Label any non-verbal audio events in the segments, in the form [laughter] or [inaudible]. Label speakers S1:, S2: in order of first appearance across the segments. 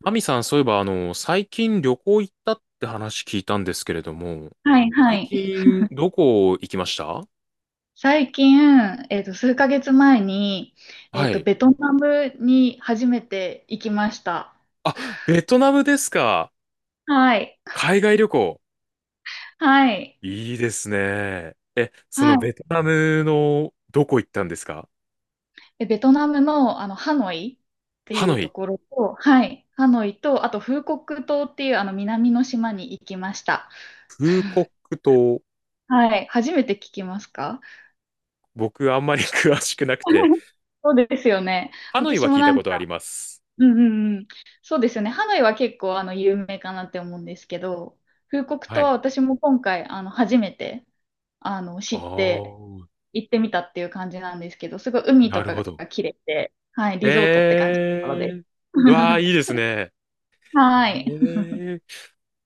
S1: マミさん、そういえば、最近旅行行ったって話聞いたんですけれども、
S2: はいは
S1: 最
S2: い。
S1: 近、どこ行きました？
S2: 最近、数ヶ月前に、
S1: はい。
S2: ベトナムに初めて行きました。
S1: あ、ベトナムですか。
S2: はい。
S1: 海外旅行。
S2: はい。
S1: いいですね。え、そ
S2: は
S1: の
S2: い。
S1: ベトナムのどこ行ったんですか？
S2: でベトナムの、ハノイって
S1: ハ
S2: い
S1: ノ
S2: うと
S1: イ。
S2: ころと、はい。ハノイと、あと、フーコック島っていう、南の島に行きました。
S1: フーコック島、
S2: はい。初めて聞きますか？
S1: 僕あんまり [laughs] 詳しくなくて、
S2: [laughs] そうですよね。
S1: ハノイ
S2: 私
S1: は
S2: も
S1: 聞い
S2: な
S1: た
S2: ん
S1: ことあ
S2: か、
S1: ります。
S2: うんうんうん。そうですよね。ハノイは結構有名かなって思うんですけど、フーコク
S1: は
S2: 島は
S1: い。
S2: 私も今回初めて知
S1: あ
S2: って
S1: あ、
S2: 行ってみたっていう感じなんですけど、すごい海
S1: な
S2: と
S1: る
S2: か
S1: ほど。
S2: が綺麗で、はい、リゾートって感じなので。
S1: ええー、うわあ、
S2: [laughs]
S1: いいですね。
S2: はい。
S1: ええ、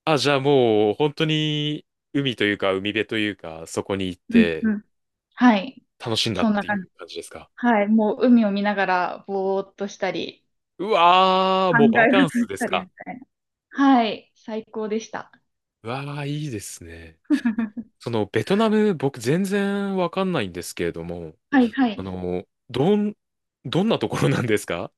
S1: あ、じゃあもう本当に海というか海辺というかそこに行っ
S2: [laughs] うんう
S1: て
S2: ん。はい。
S1: 楽しんだっ
S2: そんな
S1: て
S2: 感
S1: い
S2: じ。
S1: う感じですか？
S2: はい。もう海を見ながらぼーっとしたり、
S1: うわー、
S2: 考
S1: もうバ
S2: え
S1: カン
S2: 事
S1: ス
S2: し
S1: です
S2: たり
S1: か？
S2: みたいな。はい。最高でした。
S1: うわー、いいですね。
S2: [laughs]
S1: そのベトナム僕全然わかんないんですけれども、
S2: はいは
S1: あ
S2: い。
S1: の、どん、どんなところなんですか？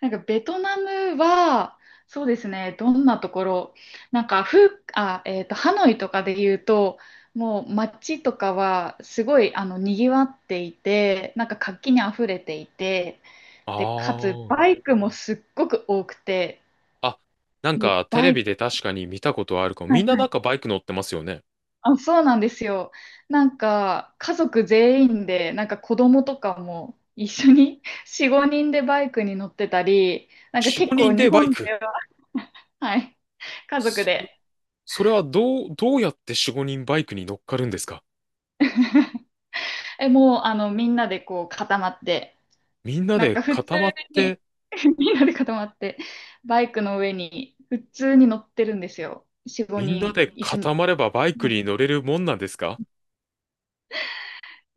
S2: なんかベトナムは、そうですね、どんなところ、なんかフあ、えーと、ハノイとかで言うと、もう街とかはすごい賑わっていて、なんか活気にあふれていて、
S1: あ
S2: で、かつ
S1: ー。
S2: バイクもすっごく多くて、
S1: あ、なん
S2: もう
S1: かテ
S2: バ
S1: レ
S2: イ
S1: ビ
S2: ク、
S1: で確かに見たことあるかも。
S2: は
S1: みん
S2: い
S1: な
S2: は
S1: なんか
S2: い、
S1: バイク乗ってますよね。
S2: あ、そうなんですよ。なんか、家族全員で、なんか子供とかも一緒に4、[laughs] 5人でバイクに乗ってたり、なんか
S1: 4、
S2: 結
S1: 5
S2: 構
S1: 人
S2: 日
S1: でバイ
S2: 本
S1: ク。
S2: では、[laughs] はい、家族
S1: そ、
S2: で、
S1: それはどう、どうやって4、5人バイクに乗っかるんですか？
S2: もうみんなでこう固まって、
S1: みんな
S2: なん
S1: で
S2: か普通
S1: 固まって、
S2: に [laughs] みんなで固まって、バイクの上に普通に乗ってるんですよ。4、
S1: みん
S2: 5
S1: な
S2: 人、
S1: で
S2: 椅子に、
S1: 固まればバイ
S2: は
S1: ク
S2: い、
S1: に乗れるもんなんですか？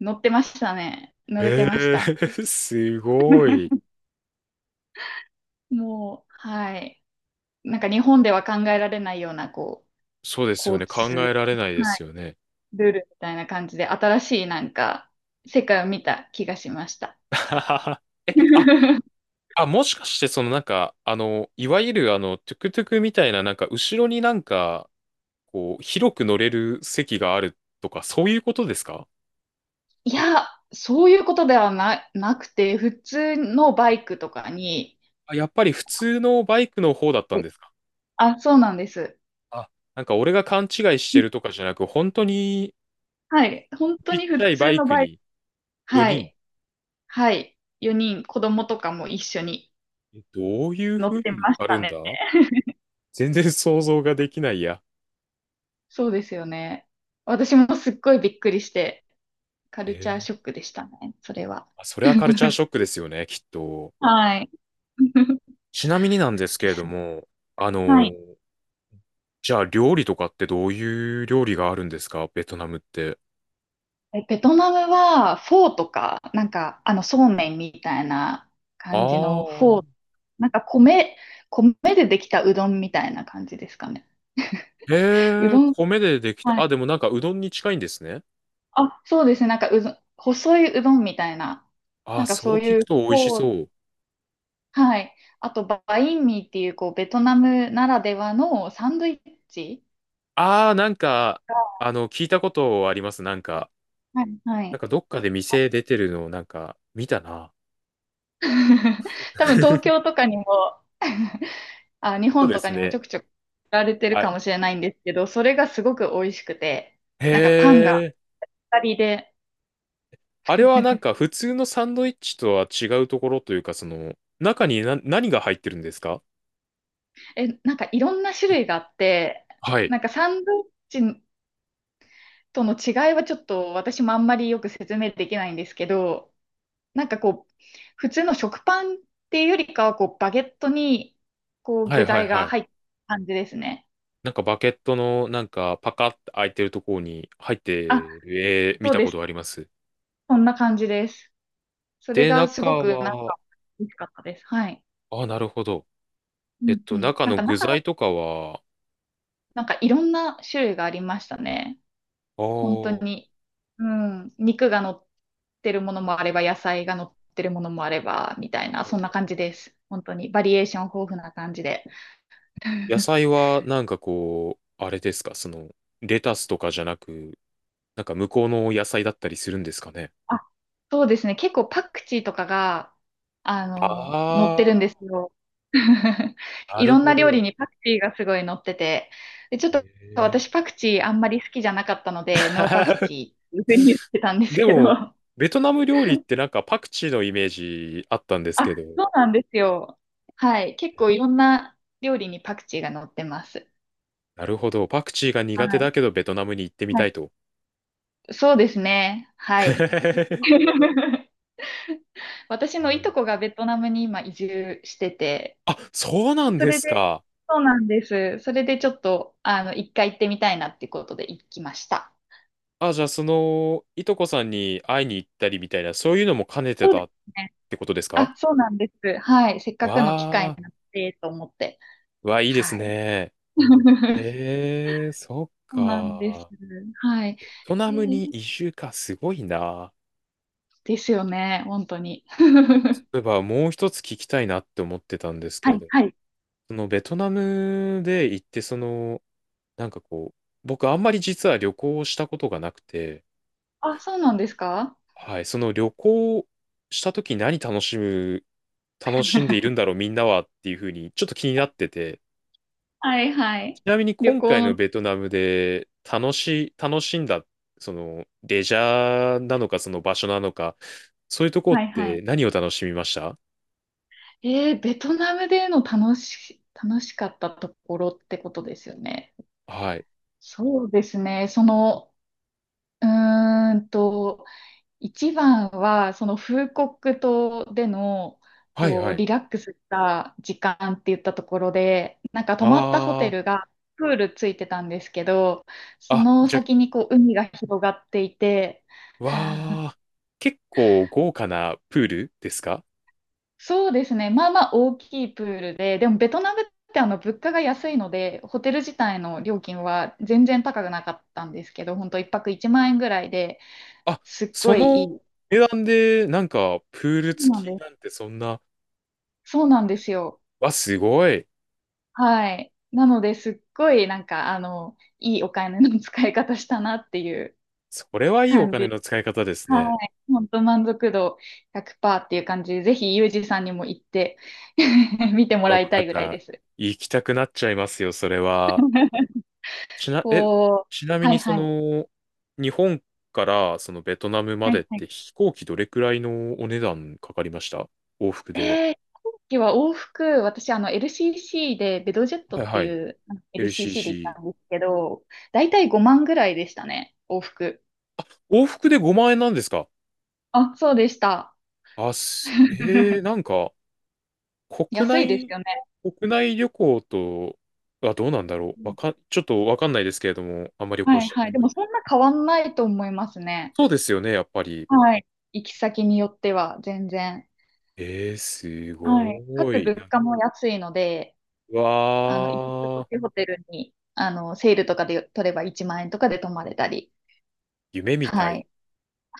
S2: 乗ってましたね。乗れ
S1: え
S2: てまし
S1: え
S2: た。
S1: ー [laughs] すごい。
S2: [laughs] もう、はい。なんか日本では考えられないような、こ
S1: そうです
S2: う、
S1: よね。
S2: 交
S1: 考
S2: 通の、
S1: えられないで
S2: は
S1: す
S2: い、
S1: よね。
S2: ルールみたいな感じで、新しいなんか、世界を見た気がしました。
S1: [laughs] え、あ、
S2: [laughs]
S1: あ、もしかして、いわゆるトゥクトゥクみたいな、なんか、後ろになんか、こう、広く乗れる席があるとか、そういうことですか？
S2: いや、そういうことではな、なくて、普通のバイクとかに、
S1: あ、やっぱり普通のバイクの方だった
S2: は
S1: ん
S2: い、
S1: ですか？
S2: あ、そうなんです。
S1: あ、なんか俺が勘違いしてるとかじゃなく、本当に
S2: はい、本当
S1: ちっ
S2: に
S1: ち
S2: 普
S1: ゃいバ
S2: 通
S1: イ
S2: の
S1: ク
S2: バイク、
S1: に
S2: は
S1: 4人、
S2: い、はい、4人、子供とかも一緒に
S1: え、どういう
S2: 乗っ
S1: 風
S2: て
S1: に乗っ
S2: まし
S1: かる
S2: た
S1: んだ。
S2: ね。
S1: 全然想像ができないや。
S2: そうですよね。私もすっごいびっくりして、カル
S1: え
S2: チャー
S1: ー、
S2: ショックでしたね、それは。
S1: あ、それはカルチャーシ
S2: [laughs]
S1: ョックですよね、きっと。
S2: はい。[laughs]
S1: ちなみになんですけ
S2: で
S1: れど
S2: すね。
S1: も、あ
S2: は
S1: の、
S2: い。
S1: じゃあ料理とかってどういう料理があるんですかベトナムって。
S2: ベトナムはフォーとか、なんか、そうめんみたいな感じ
S1: あ
S2: のフォー、
S1: あ、
S2: なんか米でできたうどんみたいな感じですかね。う
S1: へえ、
S2: どん、
S1: 米でできた。
S2: はい。
S1: あ、でもなんかうどんに近いんですね。
S2: あ、そうですね。なんかうどん、細いうどんみたいな、な
S1: あ、
S2: んか
S1: そう
S2: そう
S1: 聞
S2: い
S1: く
S2: う
S1: と美味し
S2: フォ
S1: そ
S2: ー、
S1: う。
S2: はい。あと、バインミーっていう、こう、ベトナムならではのサンドイッチ
S1: ああ、なんか、
S2: が、
S1: あの、聞いたことあります。なんか、
S2: はい、は
S1: なん
S2: い。
S1: かどっかで店出てるのをなんか見たな。
S2: [laughs] 多分東京
S1: [laughs]
S2: とかにも [laughs] あ、日
S1: そう
S2: 本
S1: で
S2: とか
S1: す
S2: にもち
S1: ね。
S2: ょくちょく売られて
S1: あ、
S2: るかもしれないんですけど、それがすごく美味しくて、
S1: へ
S2: なんかパンが
S1: え。
S2: 当たりで、
S1: あれはなんか普通のサンドイッチとは違うところというか、その、中にな、何が入ってるんですか？
S2: なんかいろんな種類があって、
S1: はい。
S2: なんかサンドイッチとの違いはちょっと私もあんまりよく説明できないんですけど、なんかこう、普通の食パンっていうよりかは、こう、バゲットに、こう、
S1: はい
S2: 具
S1: はい
S2: 材
S1: は
S2: が
S1: い。
S2: 入った感じですね。
S1: なんかバケットのなんかパカッて開いてるところに入って
S2: あ、
S1: る、えー、見
S2: そう
S1: た
S2: で
S1: こ
S2: す。
S1: とあります。
S2: そんな感じです。それ
S1: で、
S2: が
S1: 中
S2: すごくなん
S1: は、
S2: か美味しかったです。はい。
S1: あ、なるほど。
S2: う
S1: えっ
S2: ん
S1: と、
S2: うん。
S1: 中
S2: なん
S1: の
S2: か中
S1: 具材とかは、
S2: なんかいろんな種類がありましたね。
S1: ああ、
S2: 本当
S1: は
S2: に。うん。肉が乗ってるものもあれば、野菜が乗ってるものもあれば、みたいな、
S1: いは
S2: そんな
S1: い。
S2: 感じです。本当に。バリエーション豊富な感じで。
S1: 野
S2: [laughs]
S1: 菜はなんかこう、あれですか、その、レタスとかじゃなく、なんか向こうの野菜だったりするんですかね。
S2: あ、そうですね。結構パクチーとかが、乗ってるんで
S1: あ、
S2: すよ。[laughs]
S1: な
S2: い
S1: る
S2: ろんな
S1: ほ
S2: 料理
S1: ど。
S2: にパクチーがすごい乗ってて。で、ちょっと
S1: えー
S2: 私パクチーあんまり好きじゃなかったので、ノーパク
S1: [laughs]
S2: チーっていうふうに言ってたんです
S1: で
S2: けど。
S1: も、ベトナム料理ってなんかパクチーのイメージあったんです
S2: あ、
S1: けど、
S2: そうなんですよ。はい。結構いろんな料理にパクチーが乗ってます。
S1: なるほど。パクチーが苦
S2: は
S1: 手だ
S2: い。
S1: けどベトナムに行ってみ
S2: は
S1: た
S2: い。
S1: いと。
S2: そうですね。はい。
S1: [laughs] え
S2: [laughs] 私のいとこ
S1: ー、
S2: がベトナムに今移住してて、
S1: あ、そうな
S2: で
S1: ん
S2: そ
S1: で
S2: れ
S1: す
S2: で、
S1: か。
S2: そうなんです。それでちょっと、一回行ってみたいなってことで行きました。
S1: あ、じゃあその、いとこさんに会いに行ったりみたいな、そういうのも兼ねて
S2: そうで
S1: た
S2: す
S1: っ
S2: ね。
S1: てことですか？
S2: あ、そうなんです。はい。せっかくの機会
S1: わあ、
S2: になってと思って。
S1: わー、いいです
S2: はい。
S1: ね。
S2: [laughs]
S1: えー、そっ
S2: そうなんです。
S1: か。
S2: はい。
S1: ベト
S2: え
S1: ナムに
S2: ー、
S1: 移住か、すごいな。
S2: ですよね。本当に。[laughs]
S1: 例えばもう一つ聞きたいなって思ってたんですけ
S2: は
S1: れ
S2: い、
S1: ど、
S2: はい。
S1: そのベトナムで行って、その、なんかこう、僕あんまり実は旅行をしたことがなくて、
S2: あ、そうなんですか？
S1: はい、その旅行した時何楽しむ、楽しんでいるんだろうみんなはっていうふうにちょっと気になってて、
S2: はいは
S1: ち
S2: い。
S1: なみに
S2: 旅
S1: 今
S2: 行
S1: 回の
S2: の、
S1: ベトナムで楽し、楽しんだ、そのレジャーなのかその場所なのか、そういうとこっ
S2: はいは
S1: て何を楽しみました？
S2: い。ベトナムでの楽しかったところってことですよね。
S1: はい。
S2: そうですね。その、うーんと、一番は、そのフーコック島での、
S1: はい
S2: こ
S1: は
S2: う、
S1: い。
S2: リラックスした時間って言ったところで、なんか泊まったホテ
S1: あ
S2: ルがプールついてたんですけど、
S1: あ。
S2: そ
S1: あ、
S2: の
S1: じゃあ、
S2: 先にこう、海が広がっていて、
S1: わあ、結構豪華なプールですか？
S2: そうですね。まあまあ大きいプールで、でもベトナムって物価が安いので、ホテル自体の料金は全然高くなかったんですけど、本当1泊1万円ぐらいで
S1: あ、
S2: すっご
S1: そ
S2: いい
S1: の
S2: い。
S1: 値段でなんかプール
S2: そうなん
S1: 付
S2: で
S1: きなん
S2: す。
S1: てそんな、
S2: そうなんですよ。
S1: わ、すごい。
S2: はい。なのですっごいなんかいいお金の使い方したなっていう
S1: それはいいお
S2: 感
S1: 金
S2: じ。
S1: の使い方ですね。
S2: はい。本当満足度100%っていう感じで、ぜひユージさんにも行って [laughs] 見ても
S1: わ、
S2: ら
S1: も
S2: い
S1: う
S2: た
S1: なん
S2: いぐらい
S1: か
S2: です。
S1: 行きたくなっちゃいますよ、それは。ちな、え、
S2: こう、
S1: ちなみ
S2: はい
S1: にそ
S2: はい。はい
S1: の、日本からそのベトナムま
S2: は
S1: でっ
S2: い、
S1: て飛行機どれくらいのお値段かかりました？往復で。
S2: えー、今期は往復、私、LCC で、ベドジェット
S1: はい
S2: って
S1: は
S2: い
S1: い。
S2: う、LCC で行っ
S1: LCC。
S2: たんですけど、だいたい5万ぐらいでしたね、往復。
S1: 往復で5万円なんですか？
S2: あ、そうでした。
S1: あ、す、えー、
S2: [laughs]
S1: なんか、国
S2: 安いです
S1: 内、
S2: よね。
S1: 国内旅行とはどうなんだろ
S2: う
S1: う。わ
S2: ん、
S1: かん、ちょっとわかんないですけれども、あんまり旅行
S2: は
S1: し
S2: い
S1: たこ
S2: はい。
S1: と
S2: で
S1: ない
S2: も、
S1: んで。
S2: そんな変わんないと思いますね。
S1: そうですよね、やっぱり。
S2: はい。行き先によっては、全然。
S1: えー、す
S2: はい。か
S1: ご
S2: つ、
S1: い。な
S2: 物
S1: んか、
S2: 価も安いので、
S1: う
S2: 行き過ご
S1: わ
S2: し
S1: ー、
S2: ホテルに、セールとかで取れば1万円とかで泊まれたり。
S1: 夢みた
S2: は
S1: い。
S2: い。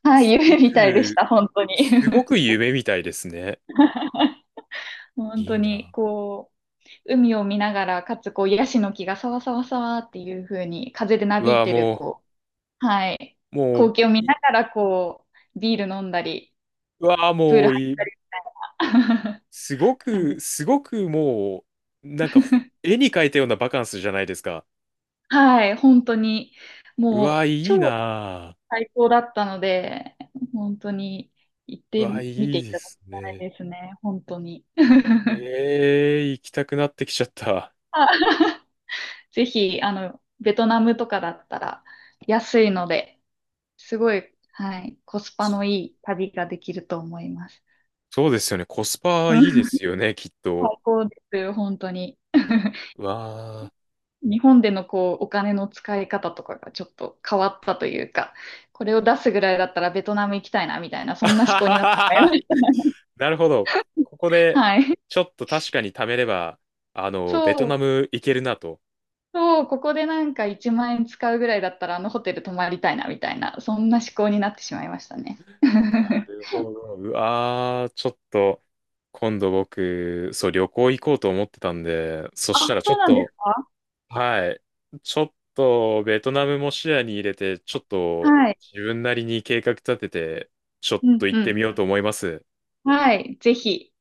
S2: はい、
S1: すご
S2: 夢みたいでし
S1: く、
S2: た、本当に。
S1: すごく夢みたいですね。
S2: [laughs] 本
S1: い
S2: 当
S1: い
S2: に、
S1: な。
S2: こう、海を見ながら、かつ、こう、ヤシの木がさわさわさわっていう風に、風でな
S1: う
S2: びい
S1: わー、
S2: てる、
S1: も
S2: こう、はい、
S1: う、
S2: 光
S1: も
S2: 景を見
S1: う、い、
S2: ながら、こう、ビール飲んだり、
S1: うわー、
S2: プー
S1: も
S2: ル
S1: う
S2: 入っ
S1: い
S2: た
S1: い。
S2: り
S1: すご
S2: [laughs]、感
S1: く、
S2: じ。
S1: すごくもう、なんか、ほ、絵に描いたようなバカンスじゃないですか。
S2: はい、本当に、
S1: うわー、
S2: もう、
S1: いい
S2: 超
S1: な
S2: 最高だったので、本当に、行っ
S1: ー。う
S2: て
S1: わー、
S2: み
S1: い
S2: てい
S1: いで
S2: ただき
S1: す
S2: たい
S1: ね。
S2: ですね、本当に。[laughs]
S1: ええ、行きたくなってきちゃった。
S2: ぜひ、ベトナムとかだったら、安いので、すごい、はい、コスパのいい旅ができると思います。
S1: そうですよね。コス
S2: う
S1: パいいで
S2: ん、
S1: すよね、きっと。
S2: 最高です、本当に。[laughs]
S1: わあ。
S2: 日本でのこうお金の使い方とかがちょっと変わったというか、これを出すぐらいだったらベトナム行きたいなみたいな、
S1: [laughs]
S2: そ
S1: あ
S2: んな思
S1: は
S2: 考に
S1: は
S2: なって
S1: は
S2: ま
S1: は。
S2: す。
S1: なるほど。こ
S2: [laughs]
S1: こで、
S2: はい。
S1: ちょっと確かに貯めれば、あの、ベト
S2: そう、
S1: ナム行けるなと。
S2: そう、ここでなんか1万円使うぐらいだったらあのホテル泊まりたいなみたいな、そんな思考になってしまいましたね。
S1: な
S2: [laughs]
S1: るほど。うわー、ちょっと、今度僕、そう、旅行行こうと思ってたんで、そ
S2: あ、
S1: したらちょ
S2: そう
S1: っ
S2: なんです
S1: と、
S2: か？
S1: はい。ちょっと、ベトナムも視野に入れて、ちょっと、
S2: はい。
S1: 自分なりに計画立てて、ちょっ
S2: う
S1: と
S2: ん
S1: 行
S2: う
S1: って
S2: ん。
S1: みようと思います。
S2: はい、ぜひ。